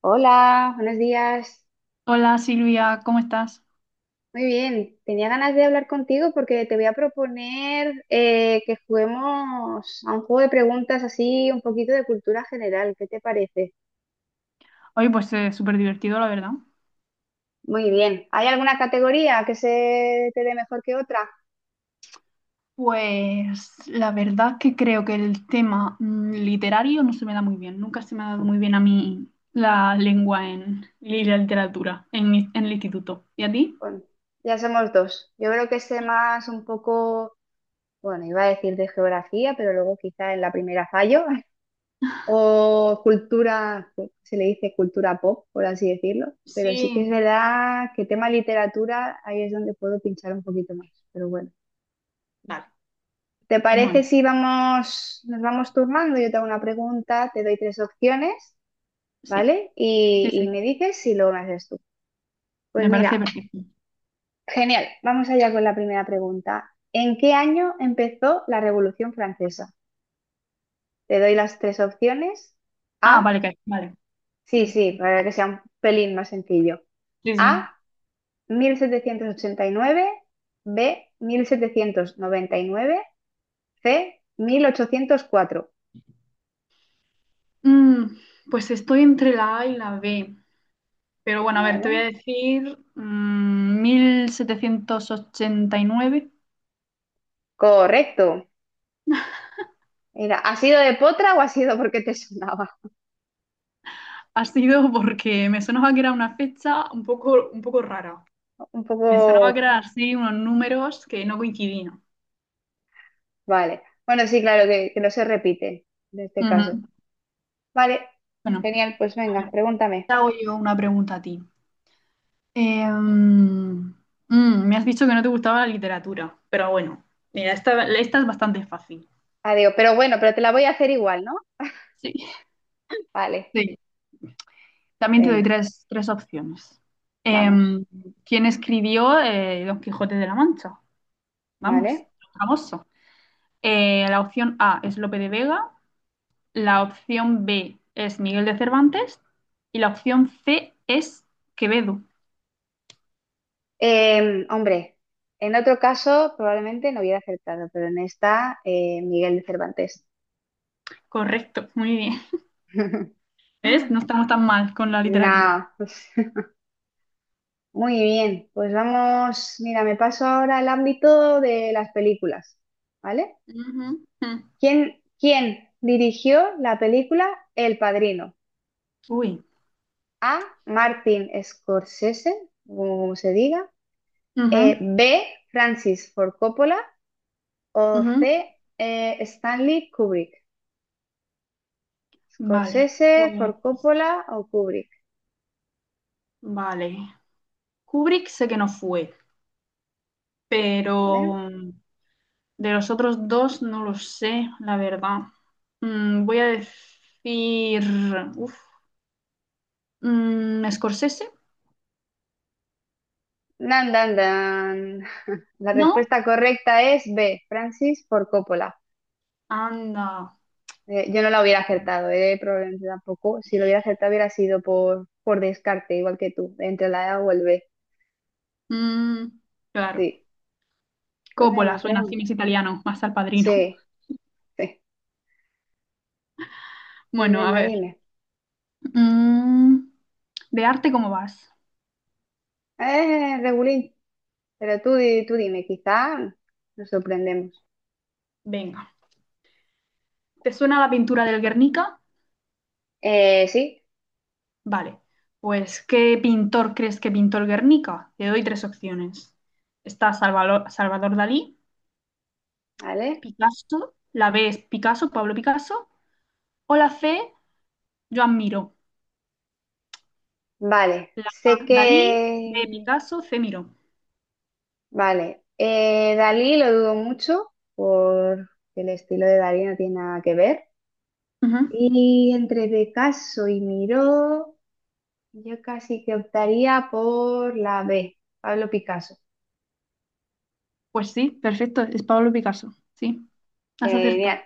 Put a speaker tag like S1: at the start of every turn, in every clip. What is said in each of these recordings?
S1: Hola, buenos días.
S2: Hola Silvia, ¿cómo estás?
S1: Muy bien, tenía ganas de hablar contigo porque te voy a proponer que juguemos a un juego de preguntas así, un poquito de cultura general. ¿Qué te parece?
S2: Hoy pues es súper divertido, la verdad.
S1: Muy bien. ¿Hay alguna categoría que se te dé mejor que otra?
S2: Pues la verdad que creo que el tema literario no se me da muy bien. Nunca se me ha dado muy bien a mí la lengua en, y la literatura en, en el instituto. ¿Y a ti?
S1: Bueno, ya somos dos. Yo creo que sé más un poco, bueno, iba a decir de geografía, pero luego quizá en la primera fallo. O cultura, pues, se le dice cultura pop, por así decirlo, pero sí
S2: Sí,
S1: que es verdad que tema literatura, ahí es donde puedo pinchar un poquito más, pero bueno.
S2: vale.
S1: ¿Te parece
S2: Bueno,
S1: si vamos, nos vamos turnando? Yo te hago una pregunta, te doy tres opciones,
S2: sí,
S1: ¿vale? Y,
S2: sí,
S1: y
S2: sí,
S1: me dices y luego me haces tú. Pues
S2: me parece
S1: mira,
S2: perfecto.
S1: genial, vamos allá con la primera pregunta. ¿En qué año empezó la Revolución Francesa? Te doy las tres opciones.
S2: Ah,
S1: A,
S2: vale, vale.
S1: sí,
S2: Mm,
S1: sí, para que sea un pelín más sencillo.
S2: sí,
S1: A,
S2: sí.
S1: 1789, B, 1799, C, 1804.
S2: Mm, pues estoy entre la A y la B. Pero bueno, a ver, te voy
S1: ¿Vale?
S2: a decir 1789.
S1: Correcto. Mira, ¿ha sido de potra o ha sido porque te sonaba?
S2: Ha sido porque me sonaba que era una fecha un poco rara.
S1: Un
S2: Me sonaba que
S1: poco...
S2: eran así unos números que no coincidían.
S1: Vale. Bueno, sí, claro, que no se repite en este caso.
S2: Ujú.
S1: Vale,
S2: Bueno,
S1: genial, pues
S2: a
S1: venga,
S2: ver, te
S1: pregúntame.
S2: hago yo una pregunta a ti. Eh, mm, Me has dicho que no te gustaba la literatura, pero bueno, mira, esta es bastante fácil.
S1: Adiós. Pero bueno, pero te la voy a hacer igual, ¿no?
S2: Sí.
S1: Vale,
S2: Sí. También te doy
S1: venga,
S2: tres opciones.
S1: vamos.
S2: Em, ¿quién escribió Don Quijote de la Mancha? Vamos,
S1: Vale.
S2: famoso. La opción A es Lope de Vega, la opción B es Miguel de Cervantes y la opción C es Quevedo.
S1: Hombre, en otro caso probablemente no hubiera acertado, pero en esta, Miguel de Cervantes.
S2: Correcto, muy bien. ¿Ves? No estamos tan mal con la literatura.
S1: No, muy bien, pues vamos, mira, me paso ahora al ámbito de las películas, ¿vale?
S2: Ujú, ujú.
S1: ¿Quién dirigió la película El Padrino?
S2: Uy.
S1: A, Martin Scorsese, o como se diga.
S2: Ujú,
S1: B, Francis Ford Coppola. O C,
S2: ujú.
S1: Stanley Kubrick.
S2: Vale,
S1: Scorsese,
S2: pues,
S1: For Coppola o Kubrick,
S2: vale. Kubrick sé que no fue, pero
S1: ¿vale?
S2: de los otros dos no lo sé, la verdad. Mm, voy a decir, uf, mm, Scorsese,
S1: Dan, dan, dan. La
S2: ¿no?
S1: respuesta correcta es B, Francis Ford Coppola.
S2: Anda.
S1: Yo no la hubiera acertado, probablemente tampoco. Si lo hubiera acertado hubiera sido por descarte, igual que tú, entre la A o el B.
S2: Mm, claro.
S1: Sí. Pues
S2: Coppola,
S1: venga,
S2: suena cine
S1: pregunta.
S2: es italiano, más al padrino.
S1: Sí, sí. Pues
S2: Bueno, a
S1: venga,
S2: ver.
S1: dime.
S2: Mm, ¿de arte cómo vas?
S1: Regulín, pero tú dime, quizá nos sorprendemos.
S2: Venga. ¿Te suena la pintura del Guernica?
S1: Sí,
S2: Vale, pues ¿qué pintor crees que pintó el Guernica? Te doy tres opciones. Está Salvador Dalí,
S1: vale.
S2: Picasso, la B es Picasso, Pablo Picasso, o la C, Joan Miró.
S1: Vale,
S2: La A,
S1: sé
S2: Dalí, B,
S1: que...
S2: Picasso, C, Miró.
S1: Vale, Dalí lo dudo mucho porque el estilo de Dalí no tiene nada que ver.
S2: Ujú.
S1: Y entre Picasso y Miró, yo casi que optaría por la B, Pablo Picasso.
S2: Pues sí, perfecto, es Pablo Picasso. Sí, has acertado.
S1: Genial,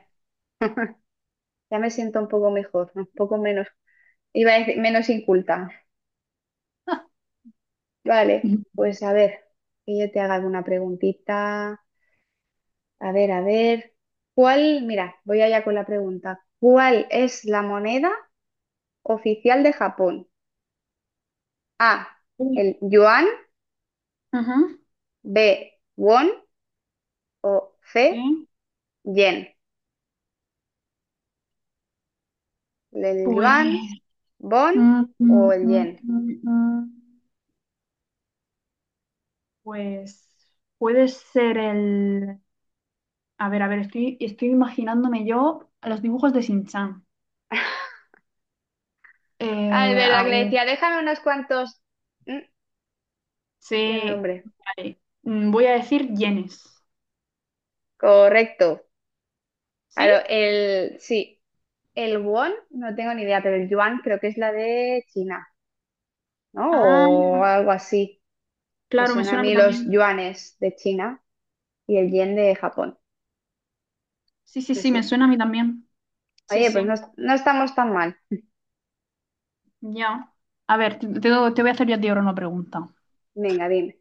S1: ya me siento un poco mejor, un poco menos, iba a decir, menos inculta. Vale, pues a ver, que yo te haga alguna preguntita. A ver, ¿cuál? Mira, voy allá con la pregunta. ¿Cuál es la moneda oficial de Japón? A,
S2: Uy.
S1: el yuan,
S2: Ujú,
S1: B, won o C,
S2: sí,
S1: yen. El
S2: pues,
S1: yuan, bon
S2: mm,
S1: o
S2: mm,
S1: el
S2: mm,
S1: yen.
S2: mm, mm. Pues puede ser el... a ver, estoy imaginándome yo a los dibujos de Shin-chan.
S1: Ah, es verdad
S2: A
S1: que le
S2: ver,
S1: decía, déjame unos cuantos. Mm, y el
S2: sí.
S1: nombre.
S2: Vale. Mm, voy a decir yenes.
S1: Correcto.
S2: ¿Sí?
S1: Claro, el. Sí, el won, no tengo ni idea, pero el yuan creo que es la de China, ¿no?
S2: Ah,
S1: O algo así. Me
S2: claro, me
S1: suena a
S2: suena a mí
S1: mí los
S2: también.
S1: yuanes de China y el yen de Japón.
S2: Sí, sí, sí, me
S1: Así.
S2: suena a mí también. Sí,
S1: Oye, pues
S2: sí,
S1: no, no estamos tan mal.
S2: ya. A ver, te voy a hacer yo a ti ahora una pregunta.
S1: Venga, dime.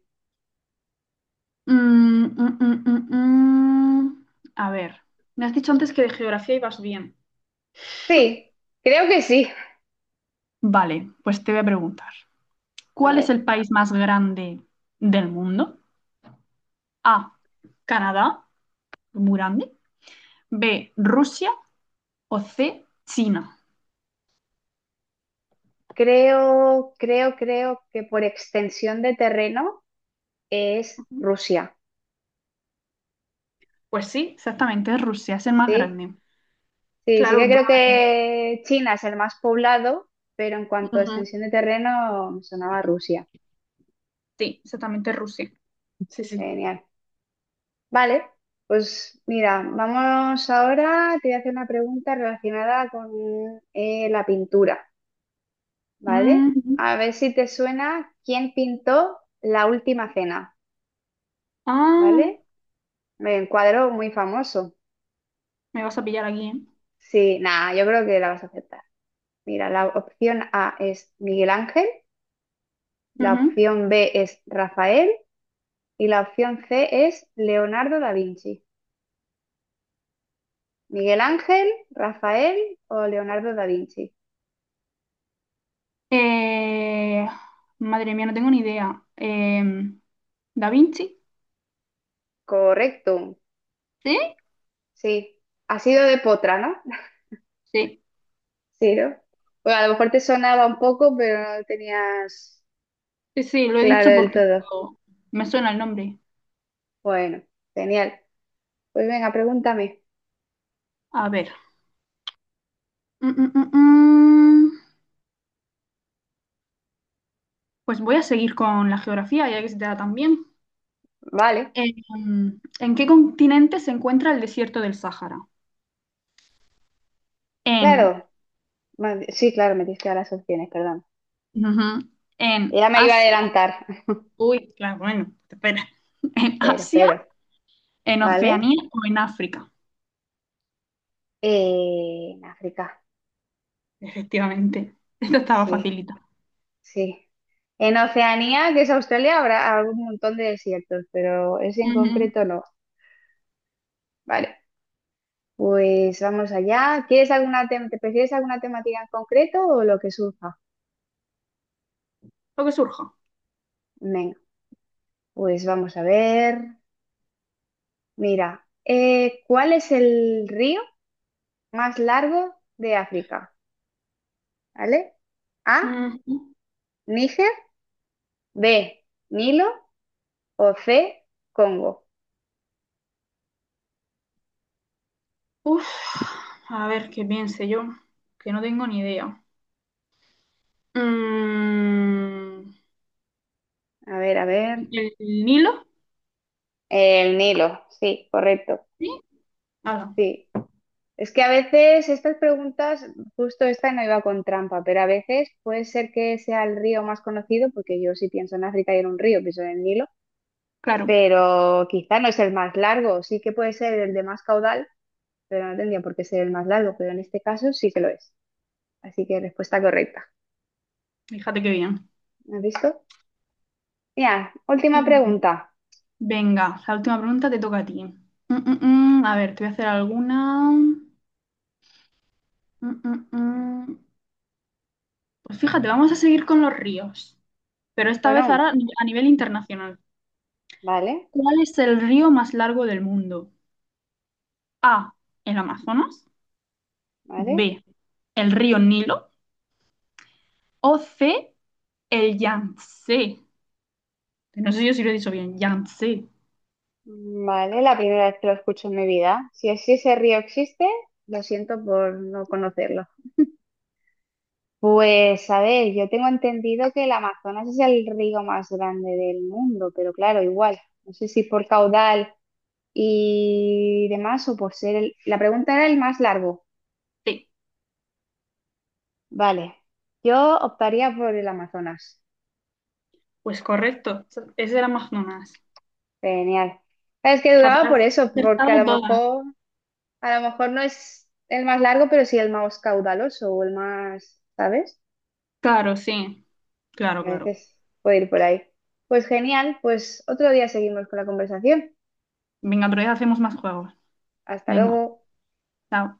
S2: Mm, mm, mm, mm, mm. A ver, me has dicho antes que de geografía ibas bien.
S1: Sí, creo que sí.
S2: Vale, pues te voy a preguntar.
S1: A
S2: ¿Cuál es
S1: ver,
S2: el país más grande del mundo? A, Canadá, muy grande. B, Rusia o C, China.
S1: creo que por extensión de terreno es
S2: Uh-huh.
S1: Rusia.
S2: Pues sí, exactamente, es Rusia, es el más
S1: Sí,
S2: grande.
S1: sí, sí
S2: Claro,
S1: que creo
S2: entonces
S1: que China es el más poblado, pero en cuanto a extensión
S2: ujú,
S1: de terreno me sonaba Rusia.
S2: sí, exactamente es Rusia. Sí, sí.
S1: Genial. Vale, pues mira, vamos ahora, te voy a hacer una pregunta relacionada con la pintura, ¿vale?
S2: Mm,
S1: A ver si te suena quién pintó La Última Cena,
S2: ah,
S1: ¿vale? Un cuadro muy famoso.
S2: me vas a pillar aquí.
S1: Sí, nada, yo creo que la vas a aceptar. Mira, la opción A es Miguel Ángel,
S2: ¿Eh?
S1: la
S2: Ujú.
S1: opción B es Rafael y la opción C es Leonardo da Vinci. Miguel Ángel, Rafael o Leonardo da Vinci.
S2: Eh, Madre mía, no tengo ni idea. Em, ¿Da Vinci?
S1: Correcto,
S2: ¿Sí?
S1: sí. Ha sido de potra, ¿no?
S2: Sí,
S1: Sí, ¿no? Bueno, a lo mejor te sonaba un poco, pero no lo tenías
S2: sí, sí, lo he
S1: claro
S2: dicho
S1: del
S2: porque
S1: todo.
S2: me suena el nombre.
S1: Bueno, genial. Pues venga, pregúntame.
S2: A ver. Mm, mm, mm, mm. Pues voy a seguir con la geografía, ya que se te da tan bien.
S1: Vale,
S2: ¿En qué continente se encuentra el desierto del Sáhara? En,
S1: claro. Vale, sí, claro, me diste las opciones, perdón.
S2: ujú, en
S1: Ya me iba a
S2: Asia.
S1: adelantar,
S2: Uy, claro, bueno, espera. ¿En
S1: pero,
S2: Asia,
S1: pero,
S2: en
S1: ¿vale?
S2: Oceanía o en África?
S1: En África,
S2: Efectivamente. Esto estaba
S1: sí,
S2: facilita.
S1: sí. En Oceanía, que es Australia, habrá algún montón de desiertos, pero ese en
S2: Ujú.
S1: concreto no. Vale, pues vamos allá. ¿Quieres alguna te prefieres alguna temática en concreto o lo que surja?
S2: Lo que surja.
S1: Venga, pues vamos a ver. Mira, ¿cuál es el río más largo de África? ¿Vale? A,
S2: Ujú.
S1: Níger. B, Nilo o C, Congo.
S2: Uf, a ver qué piense yo, que no tengo ni idea. Mm,
S1: A ver, a ver.
S2: ¿el Nilo?
S1: El Nilo, sí, correcto,
S2: Sí. Ala,
S1: sí. Es que a veces estas preguntas, justo esta no iba con trampa, pero a veces puede ser que sea el río más conocido, porque yo sí pienso en África y en un río, pienso en el Nilo,
S2: claro,
S1: pero quizá no es el más largo, sí que puede ser el de más caudal, pero no tendría por qué ser el más largo, pero en este caso sí que lo es. Así que respuesta correcta.
S2: fíjate qué bien.
S1: ¿Has visto? Mira, última pregunta.
S2: Venga, la última pregunta te toca a ti. Mm, mm, mm. A ver, te voy a hacer alguna. Mm, mm, mm. Pues fíjate, vamos a seguir con los ríos, pero esta vez
S1: Bueno,
S2: ahora a nivel internacional.
S1: vale.
S2: ¿Cuál es el río más largo del mundo? A, el Amazonas.
S1: ¿Vale?
S2: B, el río Nilo. O C, el Yangtze. No sé yo si lo he dicho bien. Yangtze.
S1: Vale, la primera vez que lo escucho en mi vida. Si ese río existe, lo siento por no conocerlo. Pues a ver, yo tengo entendido que el Amazonas es el río más grande del mundo, pero claro, igual, no sé si por caudal y demás o por ser el... La pregunta era el más largo.
S2: Sí,
S1: Vale, yo optaría por el Amazonas.
S2: pues correcto. Es el Amazonas.
S1: Genial. Es que
S2: Fíjate,
S1: dudaba
S2: has
S1: por eso, porque
S2: acertado todas.
S1: a lo mejor no es el más largo, pero sí el más caudaloso o el más, ¿sabes?
S2: Claro, sí. Claro,
S1: A
S2: claro.
S1: veces puede ir por ahí. Pues genial, pues otro día seguimos con la conversación.
S2: Venga, otro día hacemos más juegos.
S1: Hasta
S2: Venga,
S1: luego.
S2: chao.